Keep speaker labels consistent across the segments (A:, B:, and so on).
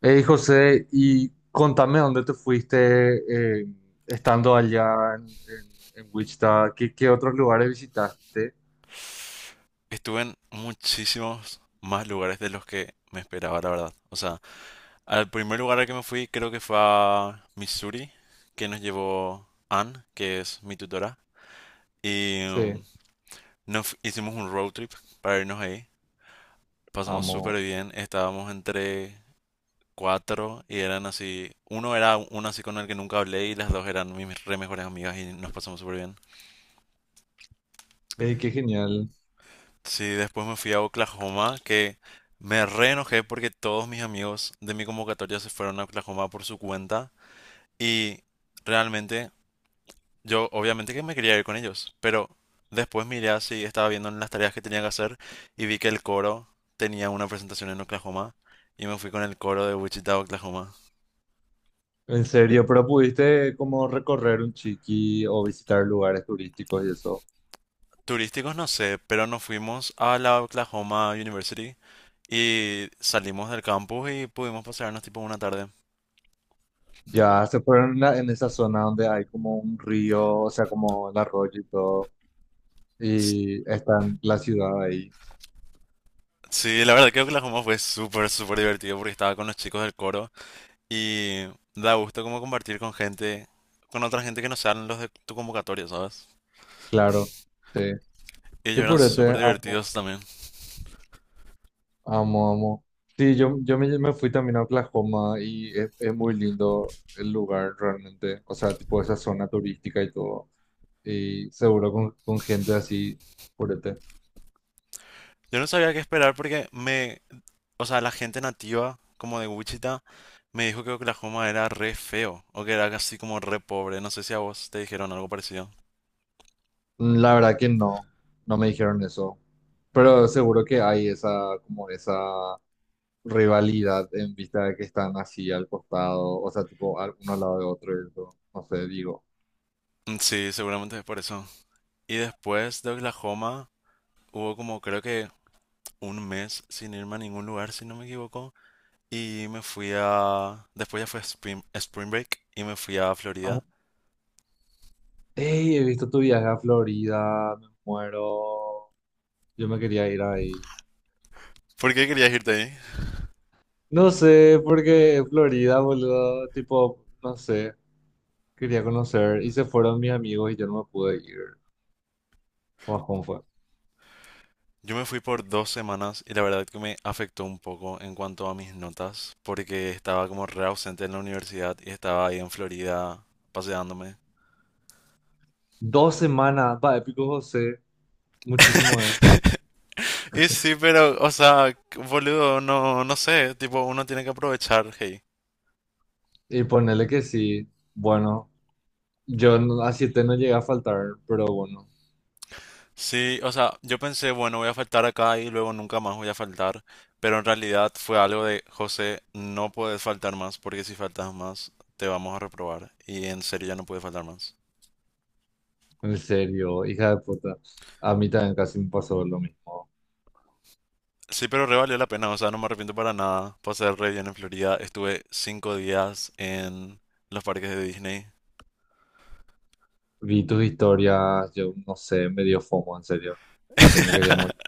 A: Hey José, y contame dónde te fuiste, estando allá en Wichita. ¿Qué otros lugares visitaste?
B: Estuve en muchísimos más lugares de los que me esperaba, la verdad. O sea, al primer lugar al que me fui creo que fue a Missouri, que nos llevó Ann, que es mi tutora. Y
A: Sí,
B: hicimos un road trip para irnos ahí. Pasamos súper
A: amo.
B: bien. Estábamos entre cuatro, y eran así, uno era uno así con el que nunca hablé y las dos eran mis re mejores amigas y nos pasamos súper bien.
A: Ey, qué genial.
B: Sí, después me fui a Oklahoma, que me re enojé porque todos mis amigos de mi convocatoria se fueron a Oklahoma por su cuenta y realmente yo obviamente que me quería ir con ellos, pero después miré así, estaba viendo en las tareas que tenía que hacer y vi que el coro tenía una presentación en Oklahoma y me fui con el coro de Wichita, Oklahoma.
A: En serio, pero pudiste como recorrer un chiqui o visitar lugares turísticos y eso.
B: Turísticos no sé, pero nos fuimos a la Oklahoma University y salimos del campus y pudimos pasearnos tipo una tarde.
A: Ya se fueron en esa zona donde hay como un río, o sea, como un arroyo y todo, y está en la ciudad ahí.
B: Sí, la verdad creo que la Joma fue súper, súper divertido porque estaba con los chicos del coro y da gusto como compartir con gente, con otra gente que no sean los de tu convocatoria, ¿sabes?
A: Claro, sí.
B: Y ellos
A: Qué
B: eran
A: purete,
B: súper
A: amo.
B: divertidos también.
A: Amo, amo. Sí, yo me fui también a Oklahoma y es muy lindo el lugar realmente. O sea, tipo esa zona turística y todo. Y seguro con gente así, purete.
B: Yo no sabía qué esperar porque me, o sea, la gente nativa como de Wichita me dijo que Oklahoma era re feo o que era así como re pobre. No sé si a vos te dijeron algo parecido.
A: La verdad que no, no me dijeron eso. Pero seguro que hay esa, como esa rivalidad en vista de que están así al costado, o sea, tipo uno al lado de otro y eso. No sé, digo.
B: Mm, sí, seguramente es por eso. Y después de Oklahoma hubo como creo que un mes sin irme a ningún lugar, si no me equivoco, después ya fue Spring Break y me fui a
A: Ah,
B: Florida.
A: ey, he visto tu viaje a Florida, me muero. Yo me quería ir ahí.
B: ¿Por qué querías irte ahí?
A: No sé, porque Florida, boludo, tipo, no sé, quería conocer y se fueron mis amigos y yo no me pude ir. ¿Cómo fue?
B: Yo me fui por 2 semanas y la verdad que me afectó un poco en cuanto a mis notas, porque estaba como re ausente en la universidad y estaba ahí en Florida paseándome.
A: Dos semanas, va, épico José, muchísimo es.
B: Y sí, pero, o sea, boludo, no, no sé, tipo, uno tiene que aprovechar, hey.
A: Y ponele que sí, bueno, yo no- a siete no llegué a faltar, pero bueno,
B: Sí, o sea, yo pensé, bueno, voy a faltar acá y luego nunca más voy a faltar, pero en realidad fue algo de, José, no puedes faltar más porque si faltas más te vamos a reprobar y en serio ya no puedes faltar más.
A: en serio, hija de puta, a mí también casi me pasó lo mismo.
B: Sí, pero re valió la pena, o sea, no me arrepiento para nada. Pasé re bien en Florida, estuve 5 días en los parques de Disney.
A: Vi tus historias, yo no sé, me dio FOMO, en serio, que me quería morir.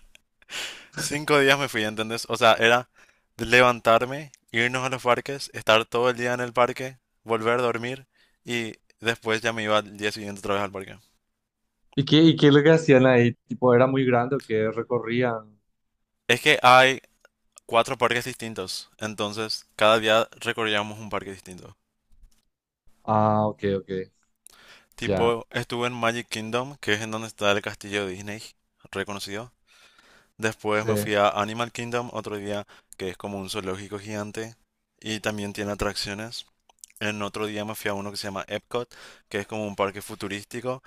B: 5 días me fui, ¿entendés? O sea, era de levantarme, irnos a los parques, estar todo el día en el parque, volver a dormir y después ya me iba al día siguiente otra vez al parque.
A: ¿Y qué es lo que hacían ahí? Tipo, ¿era muy grande o qué recorrían?
B: Es que hay cuatro parques distintos, entonces cada día recorríamos un parque distinto.
A: Ah, ok, ok. Ya,
B: Tipo, estuve en Magic Kingdom, que es en donde está el castillo de Disney, reconocido. Después
A: sí.
B: me fui a Animal Kingdom otro día, que es como un zoológico gigante y también tiene atracciones. En otro día me fui a uno que se llama Epcot, que es como un parque futurístico.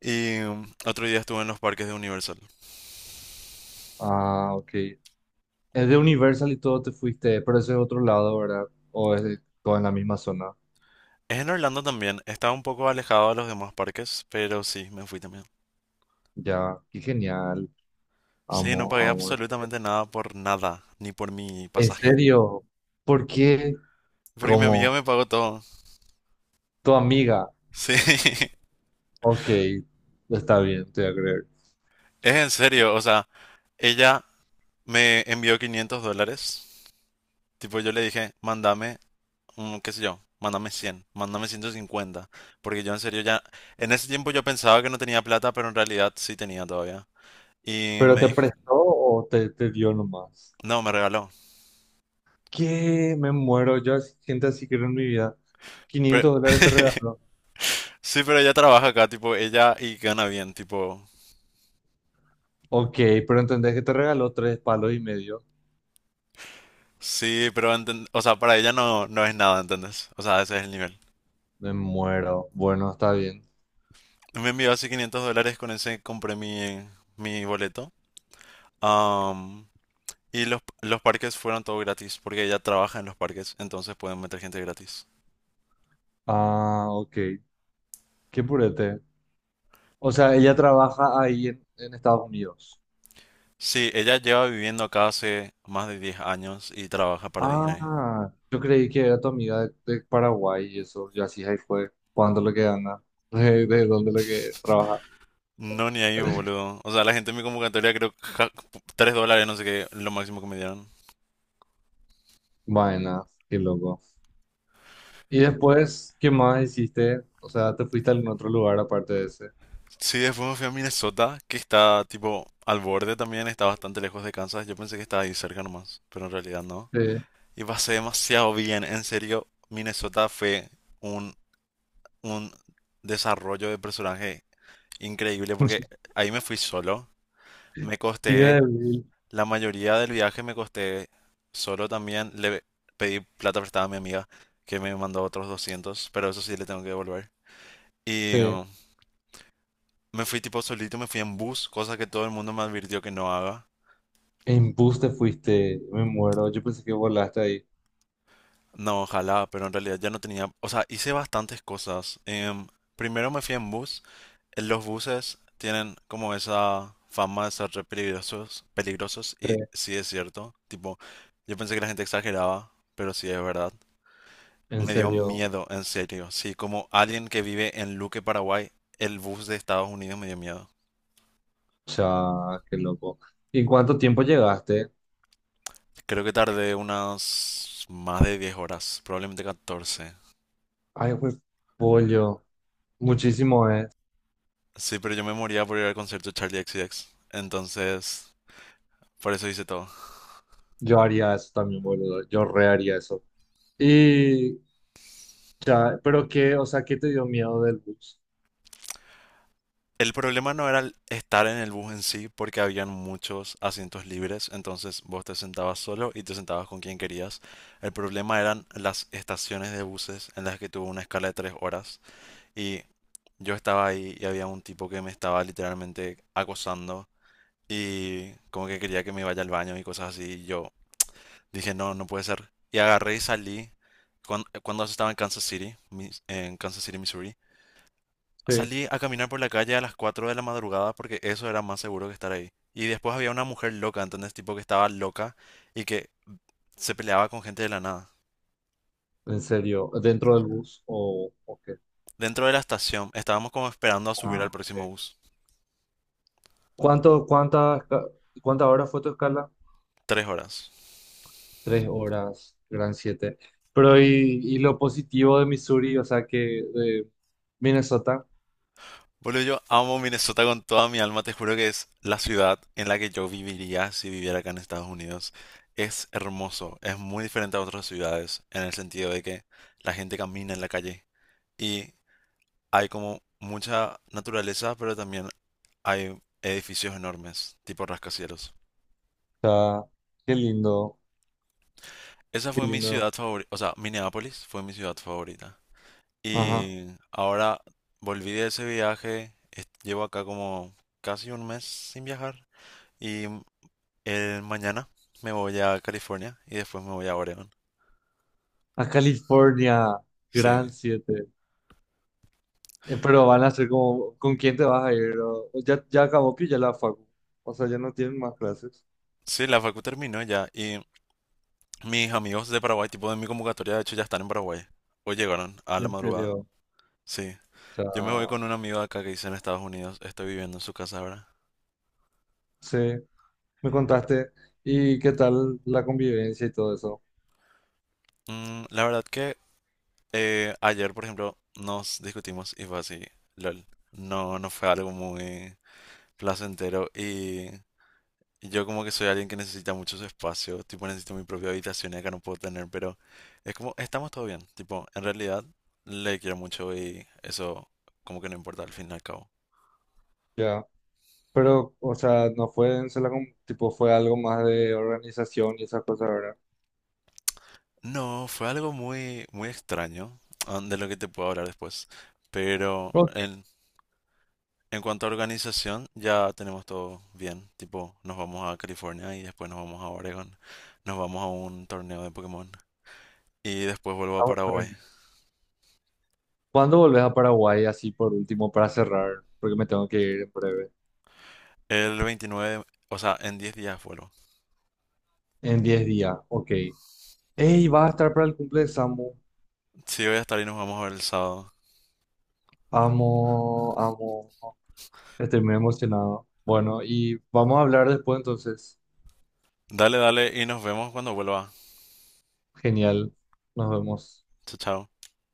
B: Y otro día estuve en los parques de Universal.
A: Ah, ok. Es de Universal y todo te fuiste, pero eso es otro lado, ¿verdad? O es todo en la misma zona.
B: Es en Orlando también. Estaba un poco alejado de los demás parques, pero sí, me fui también.
A: Ya, qué genial.
B: Sí, no
A: Amo,
B: pagué
A: amo. En serio.
B: absolutamente nada por nada, ni por mi
A: ¿En
B: pasaje.
A: serio? ¿Por qué?
B: Porque mi amiga me
A: Como
B: pagó todo.
A: tu amiga.
B: Sí,
A: Ok, está bien, te voy a creer.
B: es en serio. O sea, ella me envió $500. Tipo, yo le dije, mándame qué sé yo, mándame 100, mándame 150, porque yo en serio ya, en ese tiempo yo pensaba que no tenía plata, pero en realidad sí tenía todavía. Y
A: ¿Pero
B: me
A: te
B: dijo,
A: prestó o te dio nomás?
B: no, me regaló.
A: ¿Qué? Me muero. Gente así quiero en mi vida.
B: Pero-
A: 500 dólares te regaló.
B: sí, pero ella trabaja acá, tipo, ella y gana bien, tipo,
A: Ok, pero entendés que te regaló tres palos y medio.
B: sí, pero, o sea, para ella no, no es nada, ¿entendés? O sea, ese es el nivel.
A: Me muero. Bueno, está bien.
B: Me envió así $500, con ese compré mi boleto. Am, y los parques fueron todo gratis, porque ella trabaja en los parques, entonces pueden meter gente gratis.
A: Ah, ok. Qué purete. O sea, ella trabaja ahí en Estados Unidos.
B: Sí, ella lleva viviendo acá hace más de 10 años y trabaja para Disney.
A: Ah, yo creí que era tu amiga de Paraguay y eso. Yo así ahí fue. ¿Cuánto lo que gana? ¿De dónde lo que trabaja?
B: No, ni ahí, boludo. O sea, la gente en mi convocatoria creo que $3, no sé qué, lo máximo que me dieron.
A: Vaina, qué loco. Y después, ¿qué más hiciste? O sea, ¿te fuiste a algún otro lugar aparte de ese?
B: Sí, después me fui a Minnesota, que está tipo al borde también, está bastante lejos de Kansas. Yo pensé que estaba ahí cerca nomás, pero en realidad no.
A: Sí.
B: Y pasé demasiado bien, en serio. Minnesota fue un, un desarrollo de personaje increíble porque ahí me fui solo. Me
A: Hija
B: costé
A: de Bill.
B: La mayoría del viaje me costé solo también. Le pedí plata prestada a mi amiga, que me mandó otros 200, pero eso sí le tengo que devolver. Y
A: Sí.
B: uh, Me fui tipo solito, me fui en bus, cosa que todo el mundo me advirtió que no haga.
A: En bus te fuiste. Me muero. Yo pensé que volaste ahí.
B: No, ojalá, pero en realidad ya no tenía. O sea, hice bastantes cosas. Primero me fui en bus. En los buses tienen como esa fama de ser re peligrosos y
A: Sí.
B: sí es cierto. Tipo, yo pensé que la gente exageraba, pero sí es verdad.
A: En
B: Me dio
A: serio.
B: miedo, en serio. Sí, como alguien que vive en Luque, Paraguay, el bus de Estados Unidos me dio miedo.
A: O sea, qué loco. ¿Y en cuánto tiempo llegaste?
B: Creo que tardé unas más de 10 horas, probablemente 14.
A: Ay, pues, pollo. Muchísimo es.
B: Sí, pero yo me moría por ir al concierto de Charlie XCX. Entonces, por eso hice todo.
A: Yo haría eso también, boludo. Yo re haría eso. Y ya, pero qué, o sea, ¿qué te dio miedo del bus?
B: El problema no era el estar en el bus en sí, porque habían muchos asientos libres, entonces vos te sentabas solo y te sentabas con quien querías. El problema eran las estaciones de buses en las que tuvo una escala de 3 horas, y yo estaba ahí y había un tipo que me estaba literalmente acosando y como que quería que me vaya al baño y cosas así. Y yo dije, no, no puede ser. Y agarré y salí cuando eso estaba en Kansas City, en Kansas City, Missouri.
A: Sí.
B: Salí a caminar por la calle a las 4 de la madrugada porque eso era más seguro que estar ahí. Y después había una mujer loca, ¿entendés? Tipo que estaba loca y que se peleaba con gente de la nada.
A: ¿En serio? ¿Dentro del bus o qué?
B: Dentro de la estación estábamos como esperando a subir
A: Ah,
B: al
A: ok.
B: próximo bus.
A: ¿Cuánto, cuántas horas fue tu escala?
B: 3 horas.
A: 3 horas, gran siete. Pero y lo positivo de Missouri, o sea, que de Minnesota, o
B: Boludo, yo amo Minnesota con toda mi alma. Te juro que es la ciudad en la que yo viviría si viviera acá en Estados Unidos. Es hermoso, es muy diferente a otras ciudades en el sentido de que la gente camina en la calle y hay como mucha naturaleza, pero también hay edificios enormes, tipo rascacielos.
A: sea, qué lindo,
B: Esa
A: qué
B: fue mi
A: lindo.
B: ciudad favorita, o sea, Minneapolis fue mi ciudad favorita.
A: Ajá.
B: Y ahora volví de ese viaje, llevo acá como casi un mes sin viajar. Y el mañana me voy a California y después me voy a Oregon.
A: A California, gran
B: Sí,
A: siete. Pero van a ser como, ¿con quién te vas a ir? O ya acabó que ya la facu. O sea, ya no tienen más clases.
B: Sí, la facu terminó ya y mis amigos de Paraguay, tipo de mi convocatoria, de hecho ya están en Paraguay. Hoy llegaron a la
A: En
B: madrugada.
A: serio. O
B: Sí. Yo me voy
A: sea,
B: con un amigo de acá que dice en Estados Unidos, estoy viviendo en su casa ahora.
A: sí, me contaste. ¿Y qué tal la convivencia y todo eso?
B: Mm, la verdad que ayer, por ejemplo, nos discutimos y fue así, lol. No, no fue algo muy placentero. Y yo como que soy alguien que necesita muchos espacios, tipo necesito mi propia habitación y acá no puedo tener, pero es como, estamos todo bien, tipo, en realidad le quiero mucho y eso como que no importa al fin y al cabo.
A: Ya. Pero, o sea, no fue en tipo, fue algo más de organización y esas cosas, ¿verdad?
B: No, fue algo muy, muy extraño, ah, de lo que te puedo hablar después, pero
A: Ok,
B: en cuanto a organización ya tenemos todo bien, tipo, nos vamos a California y después nos vamos a Oregon, nos vamos a un torneo de Pokémon y después vuelvo a
A: vamos a ver.
B: Paraguay.
A: ¿Cuándo volvés a Paraguay así por último para cerrar? Porque me tengo que ir en breve.
B: El 29, o sea, en 10 días vuelvo.
A: En 10 días, ok. Ey, va a estar para el cumple de Samu.
B: Sí, voy a estar y nos vamos a ver el sábado.
A: Amo, amo. Estoy muy emocionado. Bueno, y vamos a hablar después entonces.
B: Dale, dale y nos vemos cuando vuelva.
A: Genial. Nos vemos.
B: Chao, chao.